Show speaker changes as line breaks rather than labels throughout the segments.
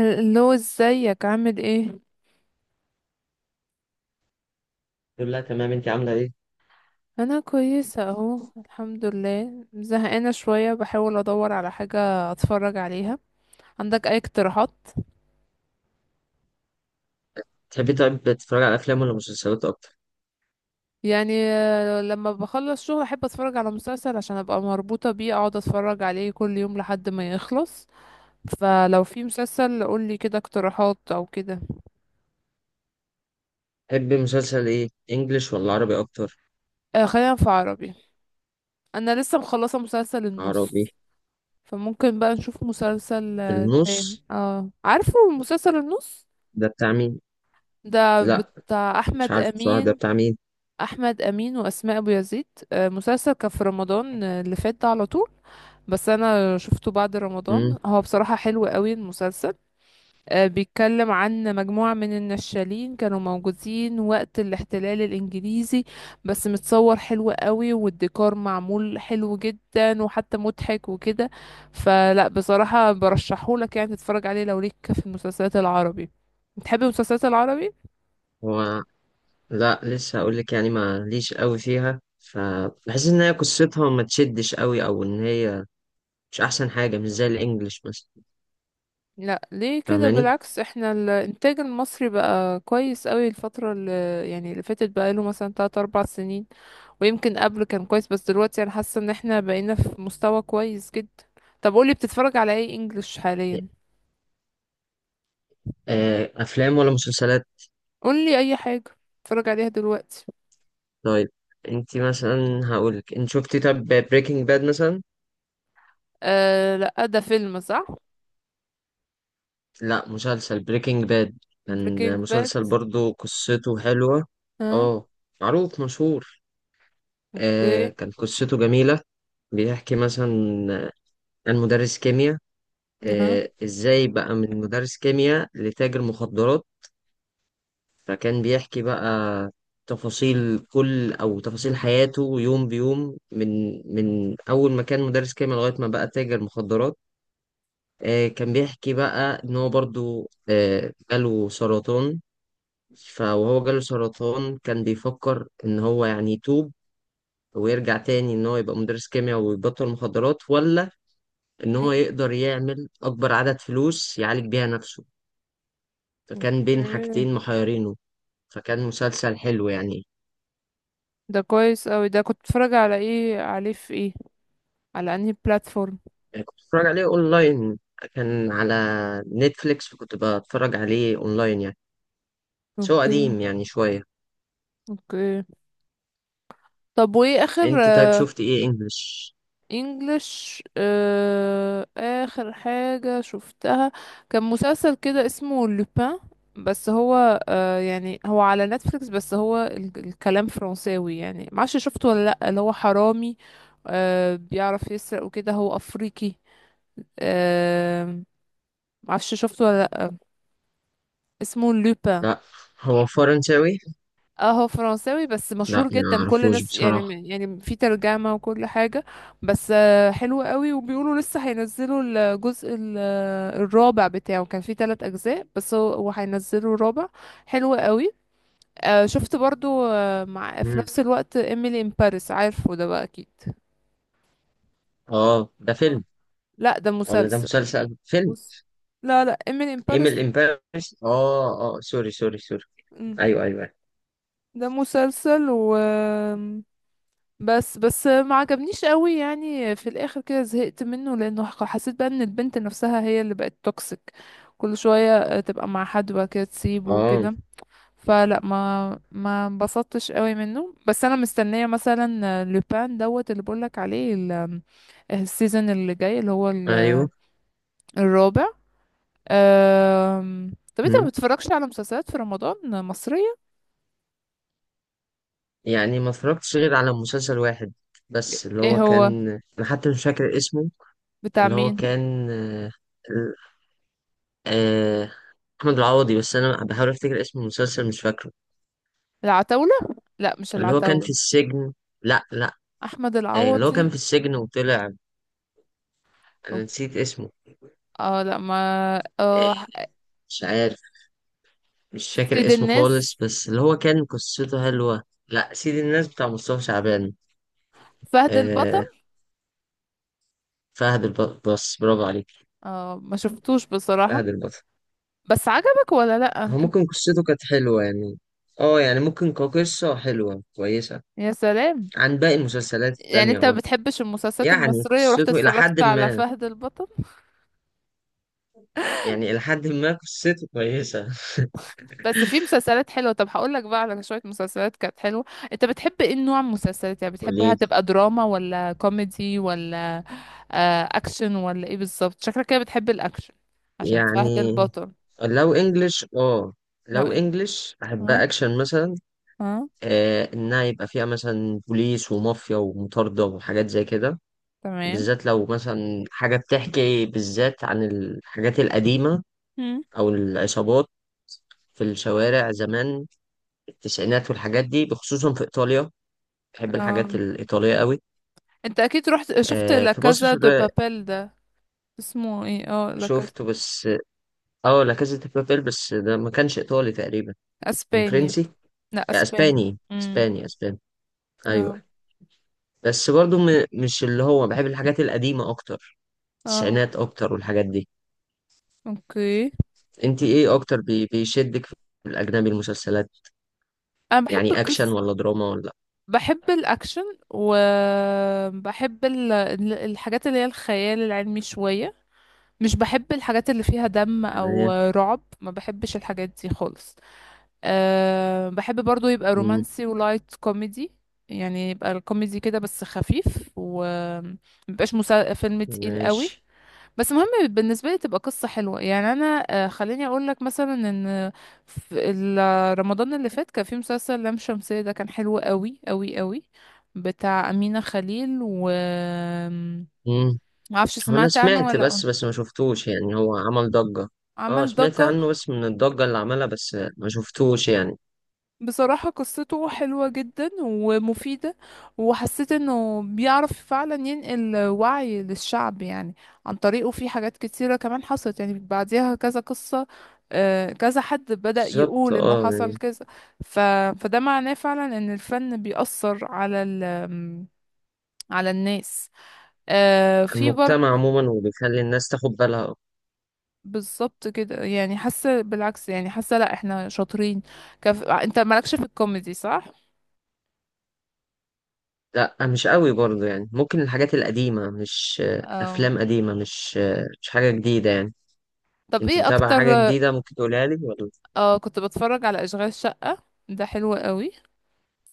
اللي هو ازيك عامل ايه؟
الحمد لله، تمام. انت عامله ايه؟
انا كويسه اهو الحمد لله، زهقانه شويه بحاول ادور على حاجه اتفرج عليها. عندك اي اقتراحات؟
تحبي طيب تتفرج على افلام ولا مسلسلات اكتر؟
يعني لما بخلص شغل احب اتفرج على مسلسل عشان ابقى مربوطه بيه، اقعد اتفرج عليه كل يوم لحد ما يخلص. فلو في مسلسل قولي كده اقتراحات او كده.
تحبي مسلسل ايه، انجليش ولا عربي اكتر؟
آه، خلينا في عربي. انا لسه مخلصه مسلسل النص.
عربي.
فممكن بقى نشوف مسلسل تاني،
النص.
عارفه. مسلسل النص.
ده بتاع مين؟
ده
لا،
بتاع
مش
احمد
عارف بصراحه ده
امين.
بتاع مين.
احمد امين واسماء ابو يزيد. مسلسل كان في رمضان، اللي فات ده على طول. بس انا شفته بعد
امم.
رمضان، هو بصراحة حلو قوي المسلسل. بيتكلم عن مجموعة من النشالين كانوا موجودين وقت الاحتلال الانجليزي. بس متصور حلو قوي، والديكور معمول حلو جدا وحتى مضحك وكده. فلا بصراحة برشحهولك يعني تتفرج عليه لو ليك في المسلسلات العربي. بتحب المسلسلات العربي؟
هو. لا، لسه هقول لك يعني، ما ليش قوي فيها، فبحس ان هي قصتها ما تشدش قوي، او ان هي مش احسن حاجه، مش زي الانجليش مثلا.
لا، ليه كده؟
فاهماني؟
بالعكس احنا الانتاج المصري بقى كويس قوي الفترة اللي، يعني اللي فاتت بقى له مثلا 3 4 سنين. ويمكن قبل كان كويس بس دلوقتي انا حاسة ان احنا بقينا في مستوى كويس جدا. طب قولي بتتفرج على ايه انجلش حاليا؟
افلام ولا مسلسلات؟
قولي اي حاجة بتتفرج عليها دلوقتي.
طيب. انت مثلا هقول لك، انت شفتي طب بريكنج باد مثلا؟
آه، لا، ده فيلم، صح؟
لا، مسلسل بريكنج باد.
بريكنج
كان
باد.
مسلسل، برضو قصته حلوة.
ها؟
اه. معروف، مشهور.
اوكي.
كان قصته جميلة. بيحكي مثلا، آه، عن مدرس كيمياء.
ها؟
ازاي بقى من مدرس كيمياء لتاجر مخدرات؟ فكان بيحكي بقى تفاصيل كل، او تفاصيل حياته، يوم بيوم، من اول ما كان مدرس كيمياء لغاية ما بقى تاجر مخدرات. كان بيحكي بقى ان هو برضو جاله سرطان. فوهو جاله سرطان، كان بيفكر ان هو يعني يتوب، ويرجع تاني ان هو يبقى مدرس كيمياء ويبطل مخدرات، ولا ان هو
إيه؟
يقدر يعمل اكبر عدد فلوس يعالج بيها نفسه. فكان بين
اوكي.
حاجتين محيرينه. فكان مسلسل حلو يعني.
ده كويس قوي، ده كنت بتتفرج على ايه عليه، في ايه، على انهي بلاتفورم؟
يعني كنت بتفرج عليه اونلاين. كان على نتفليكس، فكنت بتفرج عليه اونلاين يعني. بس هو
اوكي.
قديم يعني شوية.
اوكي. طب وايه اخر؟
انت طيب، شفت ايه انجلش؟
انجلش، اخر حاجة شفتها كان مسلسل كده اسمه لوبان. بس هو يعني هو على نتفليكس، بس هو الكلام فرنساوي، يعني معرفش شفته ولا لأ، اللي هو حرامي، بيعرف يسرق وكده، هو افريقي. آه معرفش شفته ولا لأ. اسمه لوبان.
لا، هو فرنساوي.
اه هو فرنساوي، بس
لا،
مشهور
ما
جدا كل
اعرفوش
الناس،
بصراحة.
يعني في ترجمة وكل حاجة. بس حلو قوي، وبيقولوا لسه هينزلوا الجزء الرابع بتاعه، كان في ثلاث أجزاء بس هو هينزلوا الرابع. حلو قوي. شفت برضو مع في
مم.
نفس الوقت ايميلي ان باريس، عارفه ده بقى أكيد.
اه، ده
اه،
فيلم؟
لا ده
ولا ده
مسلسل.
مسلسل فيلم؟
بص، لا لا، ايميلي ان
ايميل
باريس.
ان باريس؟ اه، اه، سوري، سوري، سوري. ايوه، ايوه، أيوه.
ده مسلسل، و بس ما عجبنيش قوي، يعني في الاخر كده زهقت منه لانه حسيت بقى ان البنت نفسها هي اللي بقت توكسيك. كل شوية تبقى مع حد وبعد كده تسيبه
اه،
وكده. فلا ما انبسطتش قوي منه، بس انا مستنية مثلا لوبان دوت اللي بقولك عليه السيزون اللي جاي، اللي هو
ايوه.
الرابع. طب انت ما
مم.
بتتفرجش على مسلسلات في رمضان مصرية؟
يعني ما اتفرجتش غير على مسلسل واحد، بس اللي
ايه
هو
هو؟
كان. انا حتى مش فاكر اسمه.
بتاع
اللي هو
مين؟
كان آه، احمد العوضي، بس انا بحاول افتكر اسم المسلسل مش فاكره.
العتاولة؟ لا، مش
اللي هو كان في
العتاولة.
السجن. لا، لا.
احمد
اللي هو كان
العوضي.
في السجن وطلع. انا نسيت اسمه.
اه، لا ما...
آه،
اه.
مش عارف. مش فاكر
سيد
اسمه
الناس.
خالص، بس اللي هو كان قصته حلوة، لا سيد الناس بتاع مصطفى شعبان.
فهد البطل.
آه، فهد البطل، برافو عليك.
اه، ما شفتوش بصراحة.
فهد البطل.
بس عجبك ولا لا؟
هو ممكن قصته كانت حلوة يعني. اه، يعني ممكن كقصة حلوة كويسة.
يا سلام.
عن باقي المسلسلات
يعني
التانية،
انت ما
اه.
بتحبش المسلسلات
يعني
المصرية ورحت
قصته إلى حد
اتفرجت على
ما.
فهد البطل؟
يعني إلى حد ما قصته كويسة.
بس في مسلسلات حلوة، طب هقول لك بقى على شوية مسلسلات كانت حلوة. انت بتحب ايه نوع مسلسلات يعني؟ بتحبها
وليه؟
تبقى دراما ولا كوميدي ولا اكشن، ولا ايه بالظبط؟ شكلك كده بتحب الاكشن عشان فهد
يعني
البطل.
لو انجلش، اه،
لو
لو
إن-
انجلش
اه.
احبها اكشن مثلا.
اه.
انها يبقى فيها مثلا بوليس ومافيا ومطاردة وحاجات زي كده.
تمام.
بالذات لو مثلا حاجة بتحكي بالذات عن الحاجات القديمة، او العصابات في الشوارع زمان، التسعينات والحاجات دي، بخصوصا في ايطاليا. بحب الحاجات
مم.
الايطالية قوي.
انت اكيد رحت شفت لا
في مصر.
كازا دو بابيل ده؟ اسمه ايه؟ اه، لا كازا.
شفته بس. اه، لا كازا دي بابيل، بس ده ما كانش ايطالي تقريبا. كان
اسباني.
فرنسي.
لا، اسباني.
اسباني
امم.
اسباني اسباني. ايوه.
اه.
بس برضو مش اللي هو بحب الحاجات القديمة اكتر،
اه.
التسعينات اكتر والحاجات دي.
اوكي.
انت ايه اكتر بيشدك في الاجنبي، المسلسلات؟
انا بحب
يعني اكشن
القصة،
ولا دراما ولا؟
بحب الاكشن، وبحب الحاجات اللي هي الخيال العلمي شوية. مش بحب الحاجات اللي فيها دم او
تمام.
رعب، ما بحبش الحاجات دي خالص. بحب برضو يبقى
مم.
رومانسي ولايت كوميدي. يعني يبقى الكوميدي كده بس خفيف، و فيلم تقيل قوي.
ماشي.
بس مهم بالنسبة لي تبقى قصة حلوة، يعني أنا خليني أقول لك مثلا إن في رمضان اللي فات كان في مسلسل لام شمسية، ده كان حلو قوي قوي قوي، بتاع أمينة خليل، و...
مم.
معرفش
هو انا
سمعت عنه
سمعت
ولا لأ.
بس، بس ما شفتوش يعني، هو عمل ضجة. اه،
عمل
سمعت
ضجة.
عنه بس من الضجة اللي عملها، بس ما شفتوش يعني.
بصراحة قصته حلوة جدا ومفيدة، وحسيت انه بيعرف فعلا ينقل وعي للشعب يعني، عن طريقه في حاجات كتيرة كمان حصلت يعني بعديها كذا قصة. كذا حد بدأ
بالظبط،
يقول انه
اه،
حصل
يعني
كذا. ف... فده معناه فعلا ان الفن بيأثر على على الناس. في
المجتمع
برضه.
عموما، وبيخلي الناس تاخد بالها.
بالظبط كده، يعني حاسة بالعكس، يعني حاسة لا احنا شاطرين. انت مالكش في الكوميدي صح؟
لا، مش قوي برضه يعني، ممكن الحاجات القديمة مش
آه،
افلام قديمة مش حاجة جديدة يعني.
طب
انت
ايه
متابعة حاجة
اكتر؟
جديدة ممكن تقولها لي ولا؟
اه كنت بتفرج على اشغال شقة، ده حلو قوي.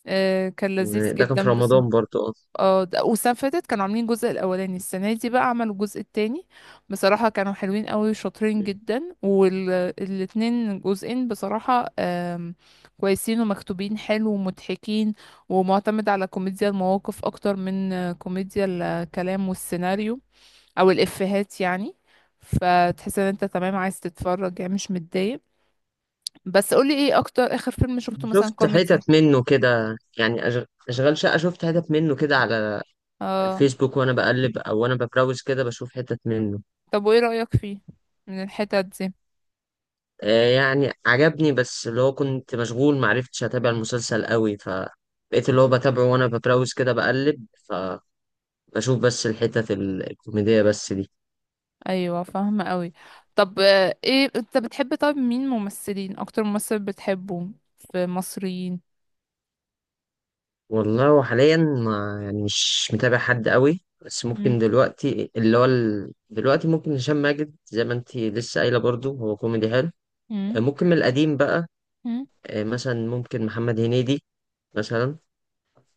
كان لذيذ
ده كان في
جدا بس.
رمضان برضه.
اه، والسنة فاتت كانوا عاملين الجزء الاولاني، السنة دي بقى عملوا الجزء التاني. بصراحة كانوا حلوين قوي وشاطرين
اه،
جدا، والاتنين جزئين بصراحة كويسين ومكتوبين حلو ومضحكين، ومعتمد على كوميديا المواقف اكتر من كوميديا الكلام والسيناريو، او الافيهات يعني. فتحس ان انت تمام، عايز تتفرج يعني مش متضايق. بس قولي ايه اكتر اخر فيلم شفته مثلا
شفت
كوميدي.
حتت منه كده يعني، اشغال شقة، شفت حتت منه كده على
اه.
الفيسبوك وانا بقلب، او وانا ببراوز كده، بشوف حتت منه.
طب وايه رأيك فيه من الحتت دي؟
آه، يعني عجبني، بس اللي هو كنت مشغول، معرفتش اتابع المسلسل قوي، فبقيت اللي هو بتابعه وانا ببراوز كده بقلب، فبشوف بس الحتت الكوميدية بس دي.
ايوه فاهمة قوي. طب ايه انت بتحب؟ طب مين ممثلين، اكتر ممثل بتحبه في مصريين؟
والله، وحاليا ما يعني مش متابع حد قوي، بس
مم.
ممكن دلوقتي ممكن هشام ماجد زي ما انتي لسه قايلة، برضو هو كوميدي حلو.
مم.
ممكن من القديم بقى،
مم.
مثلا ممكن محمد هنيدي مثلا،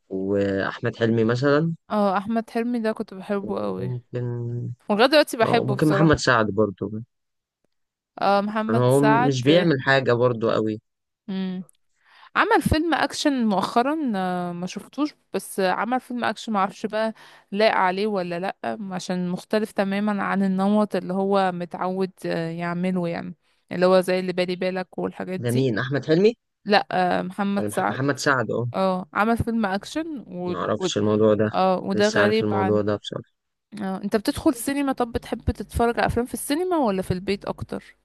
واحمد حلمي مثلا،
اه احمد حلمي ده كنت بحبه قوي،
وممكن.
ولغايه دلوقتي
اه،
بحبه
ممكن محمد
بصراحة.
سعد برضو.
اه
يعني
محمد
هو
سعد.
مش بيعمل حاجه برضو قوي.
مم. عمل فيلم اكشن مؤخرا، ما شفتوش، بس عمل فيلم اكشن، ما اعرفش بقى لايق عليه ولا لا عشان مختلف تماما عن النمط اللي هو متعود يعمله يعني، اللي هو زي اللي بالي بالك والحاجات
ده
دي.
مين، احمد حلمي
لا، محمد
ولا
سعد.
محمد سعد؟ اه.
اه، عمل فيلم اكشن
ما اعرفش الموضوع ده.
اه، وده
لسه عارف
غريب عن...
الموضوع ده بصراحه.
اه، انت بتدخل سينما؟ طب بتحب تتفرج على افلام في السينما ولا في البيت اكتر؟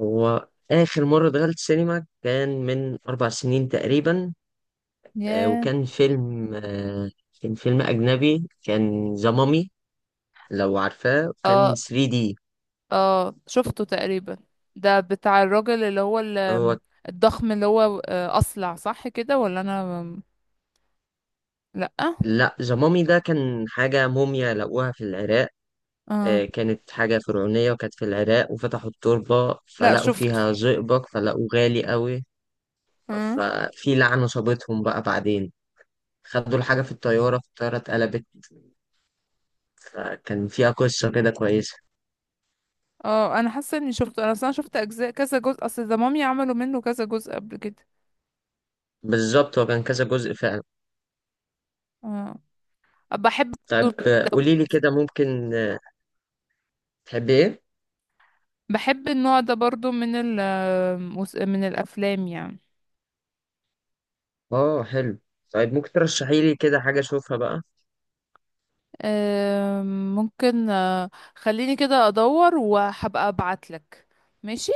هو اخر مره دخلت سينما كان من 4 سنين تقريبا.
ياه.
وكان فيلم كان فيلم اجنبي، كان ذا مامي، لو عارفاه، كان
اه،
3D.
اه، شفته تقريبا. ده بتاع الراجل اللي هو
هو،
الضخم، اللي هو اصلع، صح كده ولا انا... لا.
لا زمامي ده كان حاجة موميا لقوها في العراق.
اه.
كانت حاجة فرعونية، وكانت في العراق، وفتحوا التربة
لا
فلقوا
شفته.
فيها زئبق، فلقوه غالي قوي.
اه.
ففي لعنة صابتهم بقى بعدين، خدوا الحاجة في الطيارة، في الطيارة اتقلبت. فكان فيها قصة كده كويسة.
اه انا حاسه اني شفته، انا اصلا شفت اجزاء، كذا جزء، اصل ده مامي عملوا منه كذا جزء قبل كده.
بالظبط، هو كان كذا جزء فعلا.
اه. بحب.
طيب، قوليلي كده ممكن، تحبي ايه؟
بحب النوع ده برضو من من الافلام يعني.
اه، حلو. طيب، ممكن ترشحيلي كده حاجة اشوفها بقى.
ممكن خليني كده ادور وهبقى ابعتلك. ماشي.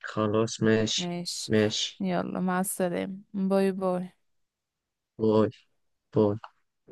خلاص، ماشي.
ماشي.
ماشي.
يلا مع السلامة، باي باي.
باي. باي.